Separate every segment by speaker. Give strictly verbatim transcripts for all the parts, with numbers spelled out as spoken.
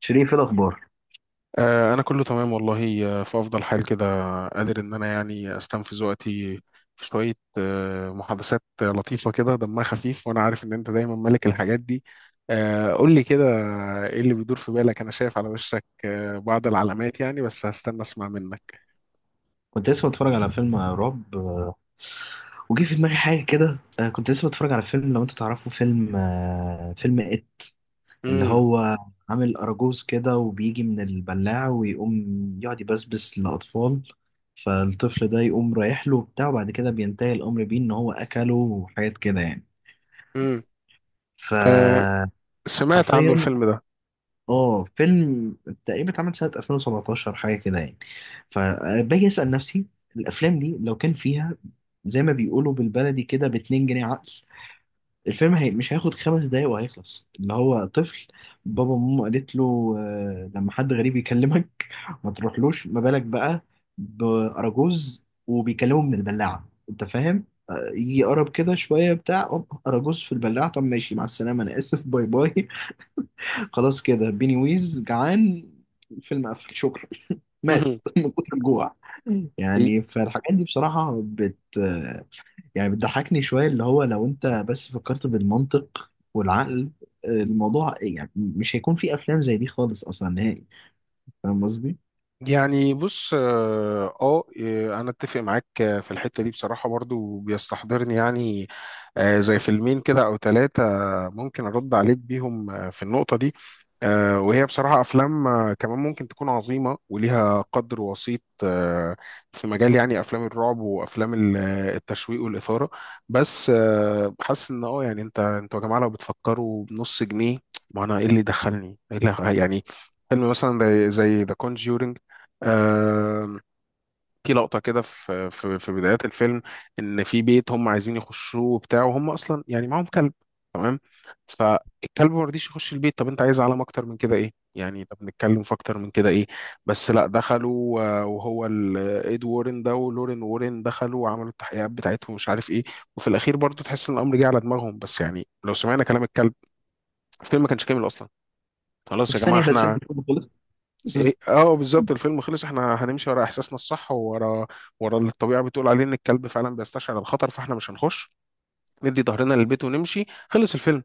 Speaker 1: شريف، ايه الاخبار؟
Speaker 2: آه، أنا كله تمام والله، آه، في أفضل حال كده. قادر إن أنا يعني أستنفذ وقتي في شوية آه، محادثات لطيفة كده دمها خفيف، وأنا عارف إن أنت دايما ملك الحاجات دي. آه، قول لي كده، إيه اللي بيدور في بالك؟ أنا شايف على وشك آه، بعض العلامات، يعني بس هستنى أسمع منك.
Speaker 1: كنت لسه بتفرج على فيلم رعب. آه، وجه في دماغي حاجه كده. آه، كنت لسه بتفرج على فيلم، لو انت تعرفه، فيلم آه، فيلم ات اللي
Speaker 2: امم.
Speaker 1: هو عامل اراجوز كده وبيجي من البلاعه ويقوم يقعد يبسبس للاطفال، فالطفل ده يقوم رايح له وبتاع، وبعد كده بينتهي الامر بيه ان هو اكله وحاجات كده يعني.
Speaker 2: امم.
Speaker 1: ف
Speaker 2: آه، سمعت عنه
Speaker 1: حرفيا
Speaker 2: الفيلم ده.
Speaker 1: اه فيلم تقريبا اتعمل سنة ألفين وسبعتاشر حاجة كده يعني. فباجي أسأل نفسي، الأفلام دي لو كان فيها زي ما بيقولوا بالبلدي كده باتنين جنيه عقل، الفيلم هي مش هياخد خمس دقايق وهيخلص. اللي هو طفل، بابا وماما قالت له، آه، لما حد غريب يكلمك ما تروحلوش، ما بالك بقى بأراجوز وبيكلمه من البلاعة، انت فاهم؟ آه، يجي يقرب كده شوية بتاع أوب، أراجوز في البلاعة، طب ماشي، مع السلامة، أنا آسف، باي باي. خلاص كده بيني ويز جعان، الفيلم قفل، شكرا. مات من كتر الجوع. يعني فالحاجات دي بصراحة بت، يعني بتضحكني شوية. اللي هو لو انت بس فكرت بالمنطق والعقل، الموضوع يعني مش هيكون في افلام زي دي خالص، اصلا نهائي. فاهم قصدي؟
Speaker 2: يعني بص، اه آه، آه، انا اتفق معاك آه، في الحته دي. بصراحه برضو بيستحضرني يعني آه، زي فيلمين كده او ثلاثه ممكن ارد عليك بيهم آه، في النقطه دي. آه، وهي بصراحه افلام آه، كمان ممكن تكون عظيمه وليها قدر وسيط آه، في مجال يعني افلام الرعب وافلام ال- آه، التشويق والاثاره. بس آه، حاسس ان اه يعني انت انتوا يا جماعه لو بتفكروا بنص جنيه. ما انا ايه اللي دخلني؟ إيه اللي يعني فيلم مثلا زي ذا كونجورينج؟ آه، في لقطة كده في في في بدايات الفيلم، إن في بيت هم عايزين يخشوه وبتاع، وهم أصلا يعني معاهم كلب، تمام؟ فالكلب ما رضيش يخش البيت. طب أنت عايز علامة أكتر من كده إيه؟ يعني طب نتكلم في أكتر من كده إيه؟ بس لا، دخلوا آه، وهو ال- إد وورن ده ولورين وورن دخلوا وعملوا التحقيقات بتاعتهم ومش عارف إيه، وفي الأخير برضو تحس إن الأمر جه على دماغهم. بس يعني لو سمعنا كلام الكلب، الفيلم ما كانش كامل أصلا. خلاص
Speaker 1: في
Speaker 2: يا جماعة،
Speaker 1: ثانية لا ثانية
Speaker 2: احنا
Speaker 1: الفيلم خلص. بس-
Speaker 2: إيه- اه بالظبط الفيلم خلص، احنا هنمشي ورا احساسنا الصح، وورا ورا اللي الطبيعه بتقول عليه، ان الكلب فعلا بيستشعر الخطر، فاحنا مش هنخش، ندي ظهرنا للبيت ونمشي، خلص الفيلم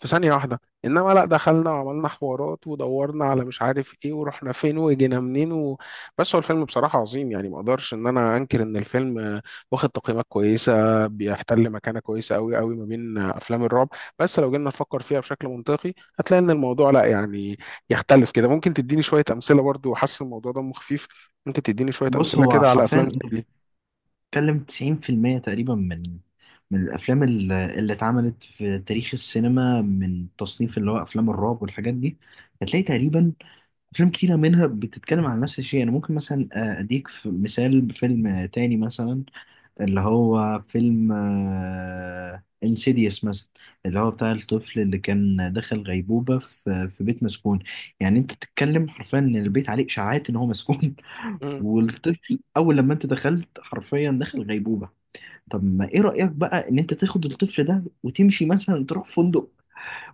Speaker 2: في ثانية واحدة. إنما لأ، دخلنا وعملنا حوارات ودورنا على مش عارف إيه، ورحنا فين، وجينا منين، و... بس هو الفيلم بصراحة عظيم، يعني ما أقدرش إن أنا أنكر إن الفيلم آه، واخد تقييمات كويسة، بيحتل مكانة كويسة أوي أوي ما بين آه، أفلام الرعب. بس لو جينا نفكر فيها بشكل منطقي، هتلاقي إن الموضوع لأ، يعني يختلف كده. ممكن تديني شوية أمثلة برضو؟ وحاسس الموضوع دمه خفيف، ممكن تديني شوية
Speaker 1: بص،
Speaker 2: أمثلة
Speaker 1: هو
Speaker 2: كده على
Speaker 1: حرفيا
Speaker 2: أفلام زي
Speaker 1: انت بتتكلم تسعين في المية تقريبا من من الافلام ال- اللي اتعملت في تاريخ السينما من تصنيف اللي هو افلام الرعب والحاجات دي، هتلاقي تقريبا أفلام كتيرة منها بتتكلم عن نفس الشيء. أنا ممكن مثلا آه، أديك في- مثال بفيلم آه، تاني مثلا، اللي هو فيلم انسيديوس مثلا، اللي هو بتاع الطفل اللي كان دخل غيبوبة في في بيت مسكون. يعني أنت بتتكلم حرفيا إن البيت عليه إشاعات إن هو مسكون،
Speaker 2: دي؟
Speaker 1: والطفل أول لما أنت دخلت حرفيا دخل غيبوبة. طب ما إيه رأيك بقى إن أنت تاخد الطفل ده وتمشي مثلا تروح فندق،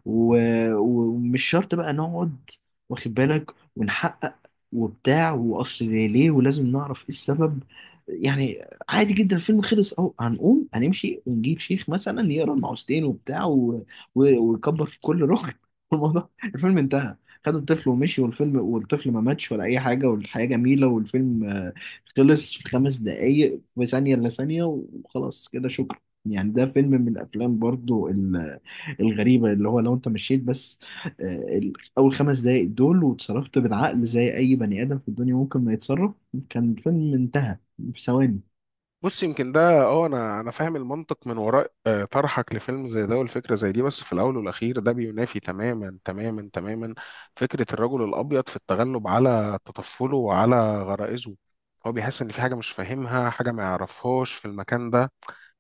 Speaker 1: و... ومش شرط بقى نقعد، واخد بالك، ونحقق وبتاع، واصل ليه ليه، ولازم نعرف ايه السبب. يعني عادي جدا، الفيلم خلص اهو، هنقوم هنمشي ونجيب شيخ مثلا يقرا المعوذتين وبتاع، و... و... ويكبر في كل ركن، الموضوع الفيلم انتهى، خدوا الطفل ومشي والفيلم، والطفل ما ماتش ولا اي حاجه، والحياه جميله، والفيلم آه، خلص في خمس دقايق، في ثانيه الا ثانيه، وخلاص كده شكرا. يعني ده فيلم من الافلام برضو الغريبة اللي هو لو انت مشيت بس آه، ال- اول خمس دقايق دول وتصرفت بالعقل زي اي بني ادم في الدنيا ممكن ما يتصرف، كان الفيلم انتهى في ثواني.
Speaker 2: بص، يمكن ده اه، انا انا فاهم المنطق من وراء آه، طرحك لفيلم زي ده والفكره زي دي. بس في الاول والاخير، ده بينافي تماما تماما تماما فكره الرجل الابيض في التغلب على تطفله وعلى غرائزه. هو بيحس ان في حاجه مش فاهمها، حاجه ما يعرفهاش في المكان ده.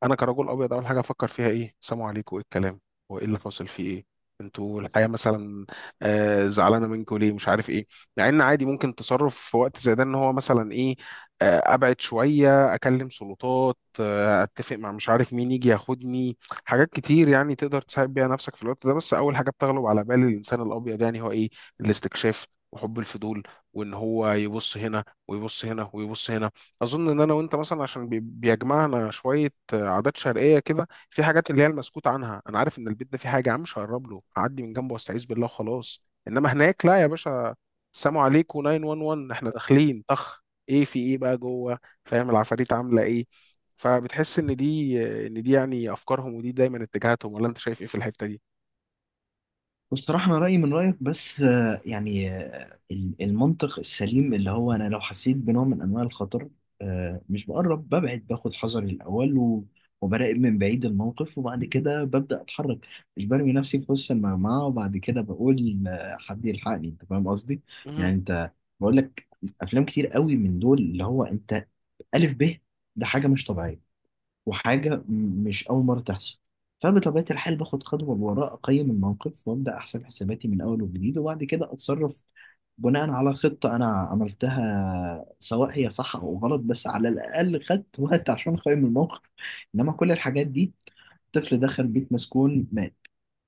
Speaker 2: انا كرجل ابيض، اول حاجه افكر فيها ايه؟ سلام عليكم، ايه الكلام؟ هو ايه اللي حاصل، فيه ايه؟ انتوا الحياه مثلا آه زعلانه منكم ليه، مش عارف ايه. مع ان عادي ممكن تصرف في وقت زي ده، ان هو مثلا ايه، آه ابعد شويه، اكلم سلطات، آه اتفق مع مش عارف مين يجي ياخدني. حاجات كتير يعني تقدر تساعد بيها نفسك في الوقت ده. بس اول حاجه بتغلب على بال الانسان الابيض يعني هو ايه؟ الاستكشاف وحب الفضول، وان هو يبص هنا ويبص هنا ويبص هنا. اظن ان انا وانت مثلا عشان بي- بيجمعنا شويه آه، عادات شرقيه كده، في حاجات اللي هي المسكوت عنها. انا عارف ان البيت ده فيه حاجه، يا عم مش هقرب له، هعدي من جنبه واستعيذ بالله وخلاص. انما هناك لا يا باشا، السلام عليكم تسعة واحد واحد، احنا داخلين طخ، ايه في ايه بقى جوه؟ فاهم؟ العفاريت عامله ايه؟ فبتحس ان دي آه، ان دي يعني افكارهم، ودي دايما اتجاهاتهم. ولا انت شايف ايه في الحته دي؟
Speaker 1: بصراحة أنا رأيي من رأيك، بس آه، يعني آه، المنطق السليم اللي هو أنا لو حسيت بنوع من أنواع الخطر، آه، مش بقرب، ببعد، باخد حذري الأول و- وبراقب من بعيد الموقف، وبعد كده ببدأ أتحرك. مش برمي نفسي في وسط المجموعة وبعد كده بقول، آه، حد يلحقني. أنت فاهم قصدي؟
Speaker 2: مهم.
Speaker 1: يعني أنت، بقول لك أفلام كتير قوي من دول اللي هو أنت ألف ب، ده حاجة مش طبيعية وحاجة م- مش أول مرة تحصل، فبطبيعة الحال باخد خطوة لورا، أقيم الموقف وأبدأ أحسب حساباتي من أول وجديد، وبعد كده أتصرف بناء على خطة أنا عملتها، سواء هي صح أو غلط، بس على الأقل خدت وقت عشان أقيم الموقف. إنما كل الحاجات دي، طفل دخل بيت مسكون مات،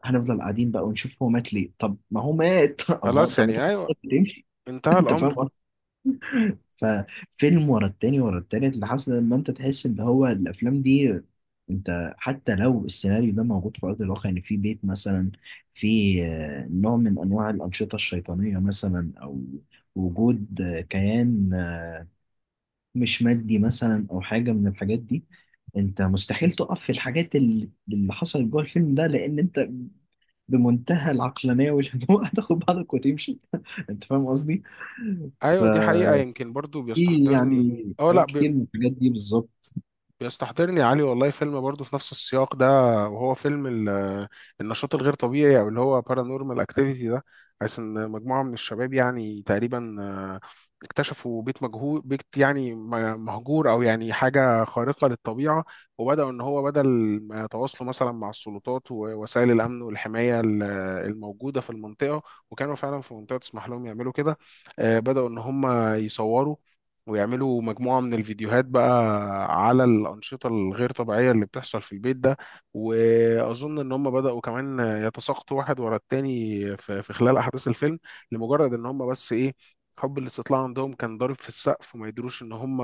Speaker 1: هنفضل قاعدين بقى ونشوف هو مات ليه؟ طب ما هو مات، الله،
Speaker 2: خلاص
Speaker 1: طب ما
Speaker 2: يعني
Speaker 1: تاخد
Speaker 2: ايوه،
Speaker 1: خطوة تمشي.
Speaker 2: انتهى
Speaker 1: أنت
Speaker 2: الامر.
Speaker 1: فاهم. ففيلم ورا التاني ورا التالت، لحسن لما انت تحس ان هو الافلام دي، انت حتى لو السيناريو ده موجود في ارض الواقع، يعني في بيت مثلا في آه، نوع من انواع الانشطه الشيطانيه مثلا، او وجود آه، كيان آه، مش مادي مثلا، او حاجه من الحاجات دي، انت مستحيل تقف في الحاجات اللي اللي حصلت جوه الفيلم ده، لان انت بمنتهى العقلانيه والهدوء هتاخد بعضك وتمشي. انت فاهم قصدي؟ ف
Speaker 2: ايوه دي حقيقه. يمكن برضو
Speaker 1: في
Speaker 2: بيستحضرني
Speaker 1: يعني
Speaker 2: اه
Speaker 1: حاجات
Speaker 2: لا،
Speaker 1: كتير من الحاجات دي بالظبط.
Speaker 2: بيستحضرني يا علي والله فيلم برضه في نفس السياق ده، وهو فيلم ال- النشاط الغير طبيعي، او اللي هو بارانورمال اكتيفيتي ده. حيث ان مجموعه من الشباب يعني تقريبا آه، اكتشفوا بيت مجهول، بيت يعني م- مهجور، او يعني حاجه خارقه للطبيعه. وبداوا ان هو بدل ما يتواصلوا مثلا مع السلطات ووسائل الامن والحمايه ال- الموجوده في المنطقه، وكانوا فعلا في منطقه تسمح لهم يعملوا كده، آه، بداوا ان هم يصوروا ويعملوا مجموعة من الفيديوهات بقى على الأنشطة الغير طبيعية اللي بتحصل في البيت ده. وأظن إن هم بدأوا كمان يتساقطوا واحد ورا التاني في في خلال أحداث الفيلم، لمجرد إن هم بس إيه؟ حب الاستطلاع عندهم كان ضارب في السقف، وما يدروش إن هم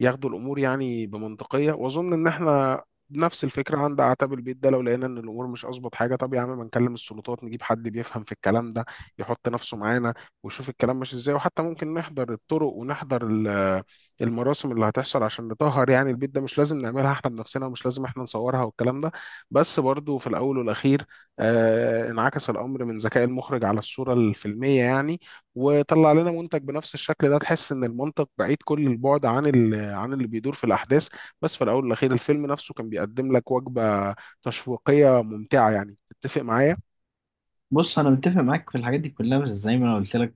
Speaker 2: ياخدوا الأمور يعني بمنطقية. وأظن إن إحنا نفس الفكرة، عند أعتاب البيت ده لو لقينا إن الأمور مش أظبط حاجة، طب يا عم ما نكلم السلطات، نجيب حد بيفهم في الكلام ده يحط نفسه معانا، وشوف الكلام ماشي ازاي. وحتى ممكن نحضر الطرق ونحضر ال- المراسم اللي هتحصل عشان نطهر يعني البيت ده، مش لازم نعملها احنا بنفسنا، ومش لازم احنا نصورها والكلام ده. بس برضو في الاول والاخير، آه انعكس الامر من ذكاء المخرج على الصورة الفيلمية يعني، وطلع لنا منتج بنفس الشكل ده، تحس ان المنطق بعيد كل البعد عن ال- عن اللي بيدور في الاحداث. بس في الاول والاخير، الفيلم نفسه كان بيقدم لك وجبة تشويقية ممتعة، يعني تتفق معايا.
Speaker 1: بص، انا متفق معاك في الحاجات دي كلها، بس زي ما انا قلت لك،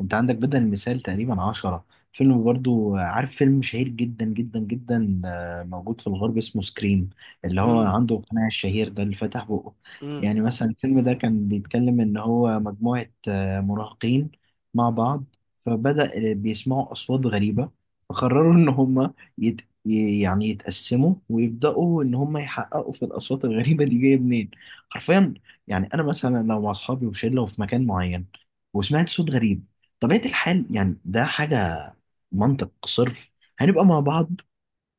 Speaker 1: انت عندك بدل المثال تقريبا عشرة فيلم. برضو عارف فيلم شهير جدا جدا جدا، آه، موجود في الغرب، اسمه سكريم، اللي هو
Speaker 2: امم.
Speaker 1: عنده قناع الشهير ده اللي فتح بقه.
Speaker 2: امم.
Speaker 1: يعني مثلا الفيلم ده كان بيتكلم ان هو مجموعة آه، مراهقين مع بعض، فبدأ آه، بيسمعوا اصوات غريبة، فقرروا ان هم يت... يعني يتقسموا ويبدأوا ان هم يحققوا في الاصوات الغريبة دي جاية منين. حرفيا، يعني انا مثلا لو مع اصحابي وشله وفي مكان معين وسمعت صوت غريب، طبيعه الحال يعني ده حاجه منطق صرف، هنبقى مع بعض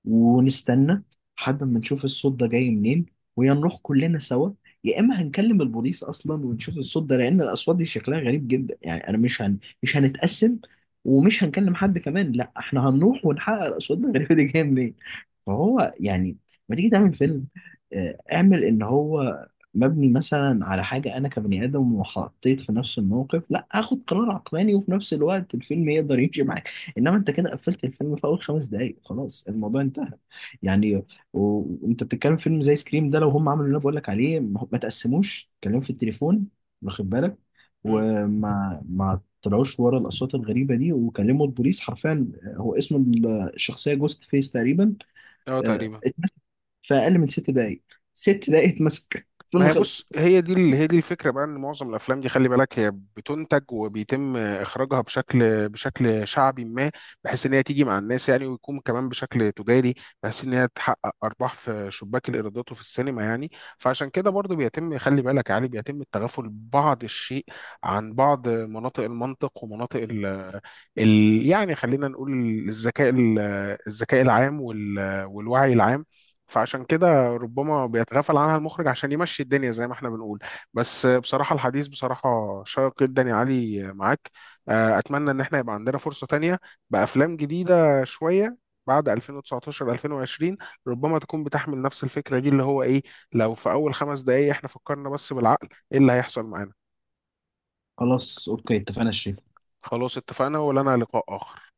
Speaker 1: ونستنى لحد ما نشوف الصوت ده جاي منين، ويا نروح كلنا سوا، يا اما هنكلم البوليس اصلا ونشوف الصوت ده، لان الاصوات دي شكلها غريب جدا. يعني انا مش هن... مش هنتقسم ومش هنكلم حد كمان، لا احنا هنروح ونحقق الاصوات الغريبه دي جايه منين. فهو يعني لما تيجي تعمل فيلم، آه، اعمل ان هو مبني مثلا على حاجة انا كبني ادم وحطيت في نفس الموقف لا اخد قرار عقلاني، وفي نفس الوقت الفيلم يقدر يمشي معاك، انما انت كده قفلت الفيلم في اول خمس دقايق، خلاص الموضوع انتهى يعني. و- وانت بتتكلم فيلم زي سكريم ده، لو هم عملوا اللي انا بقول لك عليه، ما ما تقسموش كلام في التليفون، واخد بالك،
Speaker 2: امم.
Speaker 1: وما ما طلعوش ورا الاصوات الغريبه دي وكلموا البوليس، حرفيا آه، هو اسم الشخصيه جوست فيس تقريبا،
Speaker 2: اه
Speaker 1: آه،
Speaker 2: تقريبا.
Speaker 1: اتمسك في اقل من ست دقايق. ست دقايق اتمسك،
Speaker 2: ما
Speaker 1: الفيلم
Speaker 2: هي بص،
Speaker 1: خلص.
Speaker 2: هي دي ال- هي دي الفكره بقى، ان معظم الافلام دي خلي بالك هي بتنتج وبيتم اخراجها بشكل بشكل شعبي، ما بحيث ان هي تيجي مع الناس يعني، ويكون كمان بشكل تجاري، بحيث ان هي تحقق ارباح في شباك الايرادات وفي السينما يعني. فعشان كده برضو بيتم خلي بالك يعني بيتم التغافل بعض الشيء عن بعض مناطق المنطق ومناطق ال ال يعني خلينا نقول الذكاء ال- الذكاء العام وال- والوعي العام. فعشان كده ربما بيتغافل عنها المخرج عشان يمشي الدنيا زي ما احنا بنقول. بس بصراحة الحديث بصراحة شيق جدا يا علي معاك. آه، أتمنى إن احنا يبقى عندنا فرصة تانية بأفلام جديدة شوية بعد ألفين وتسعتاشر ألفين وعشرين، ربما تكون بتحمل نفس الفكرة دي، اللي هو إيه؟ لو في أول خمس دقايق احنا فكرنا بس بالعقل، إيه اللي هيحصل معانا.
Speaker 1: خلاص اوكي، اتفقنا الشيء.
Speaker 2: خلاص اتفقنا، ولنا لقاء آخر.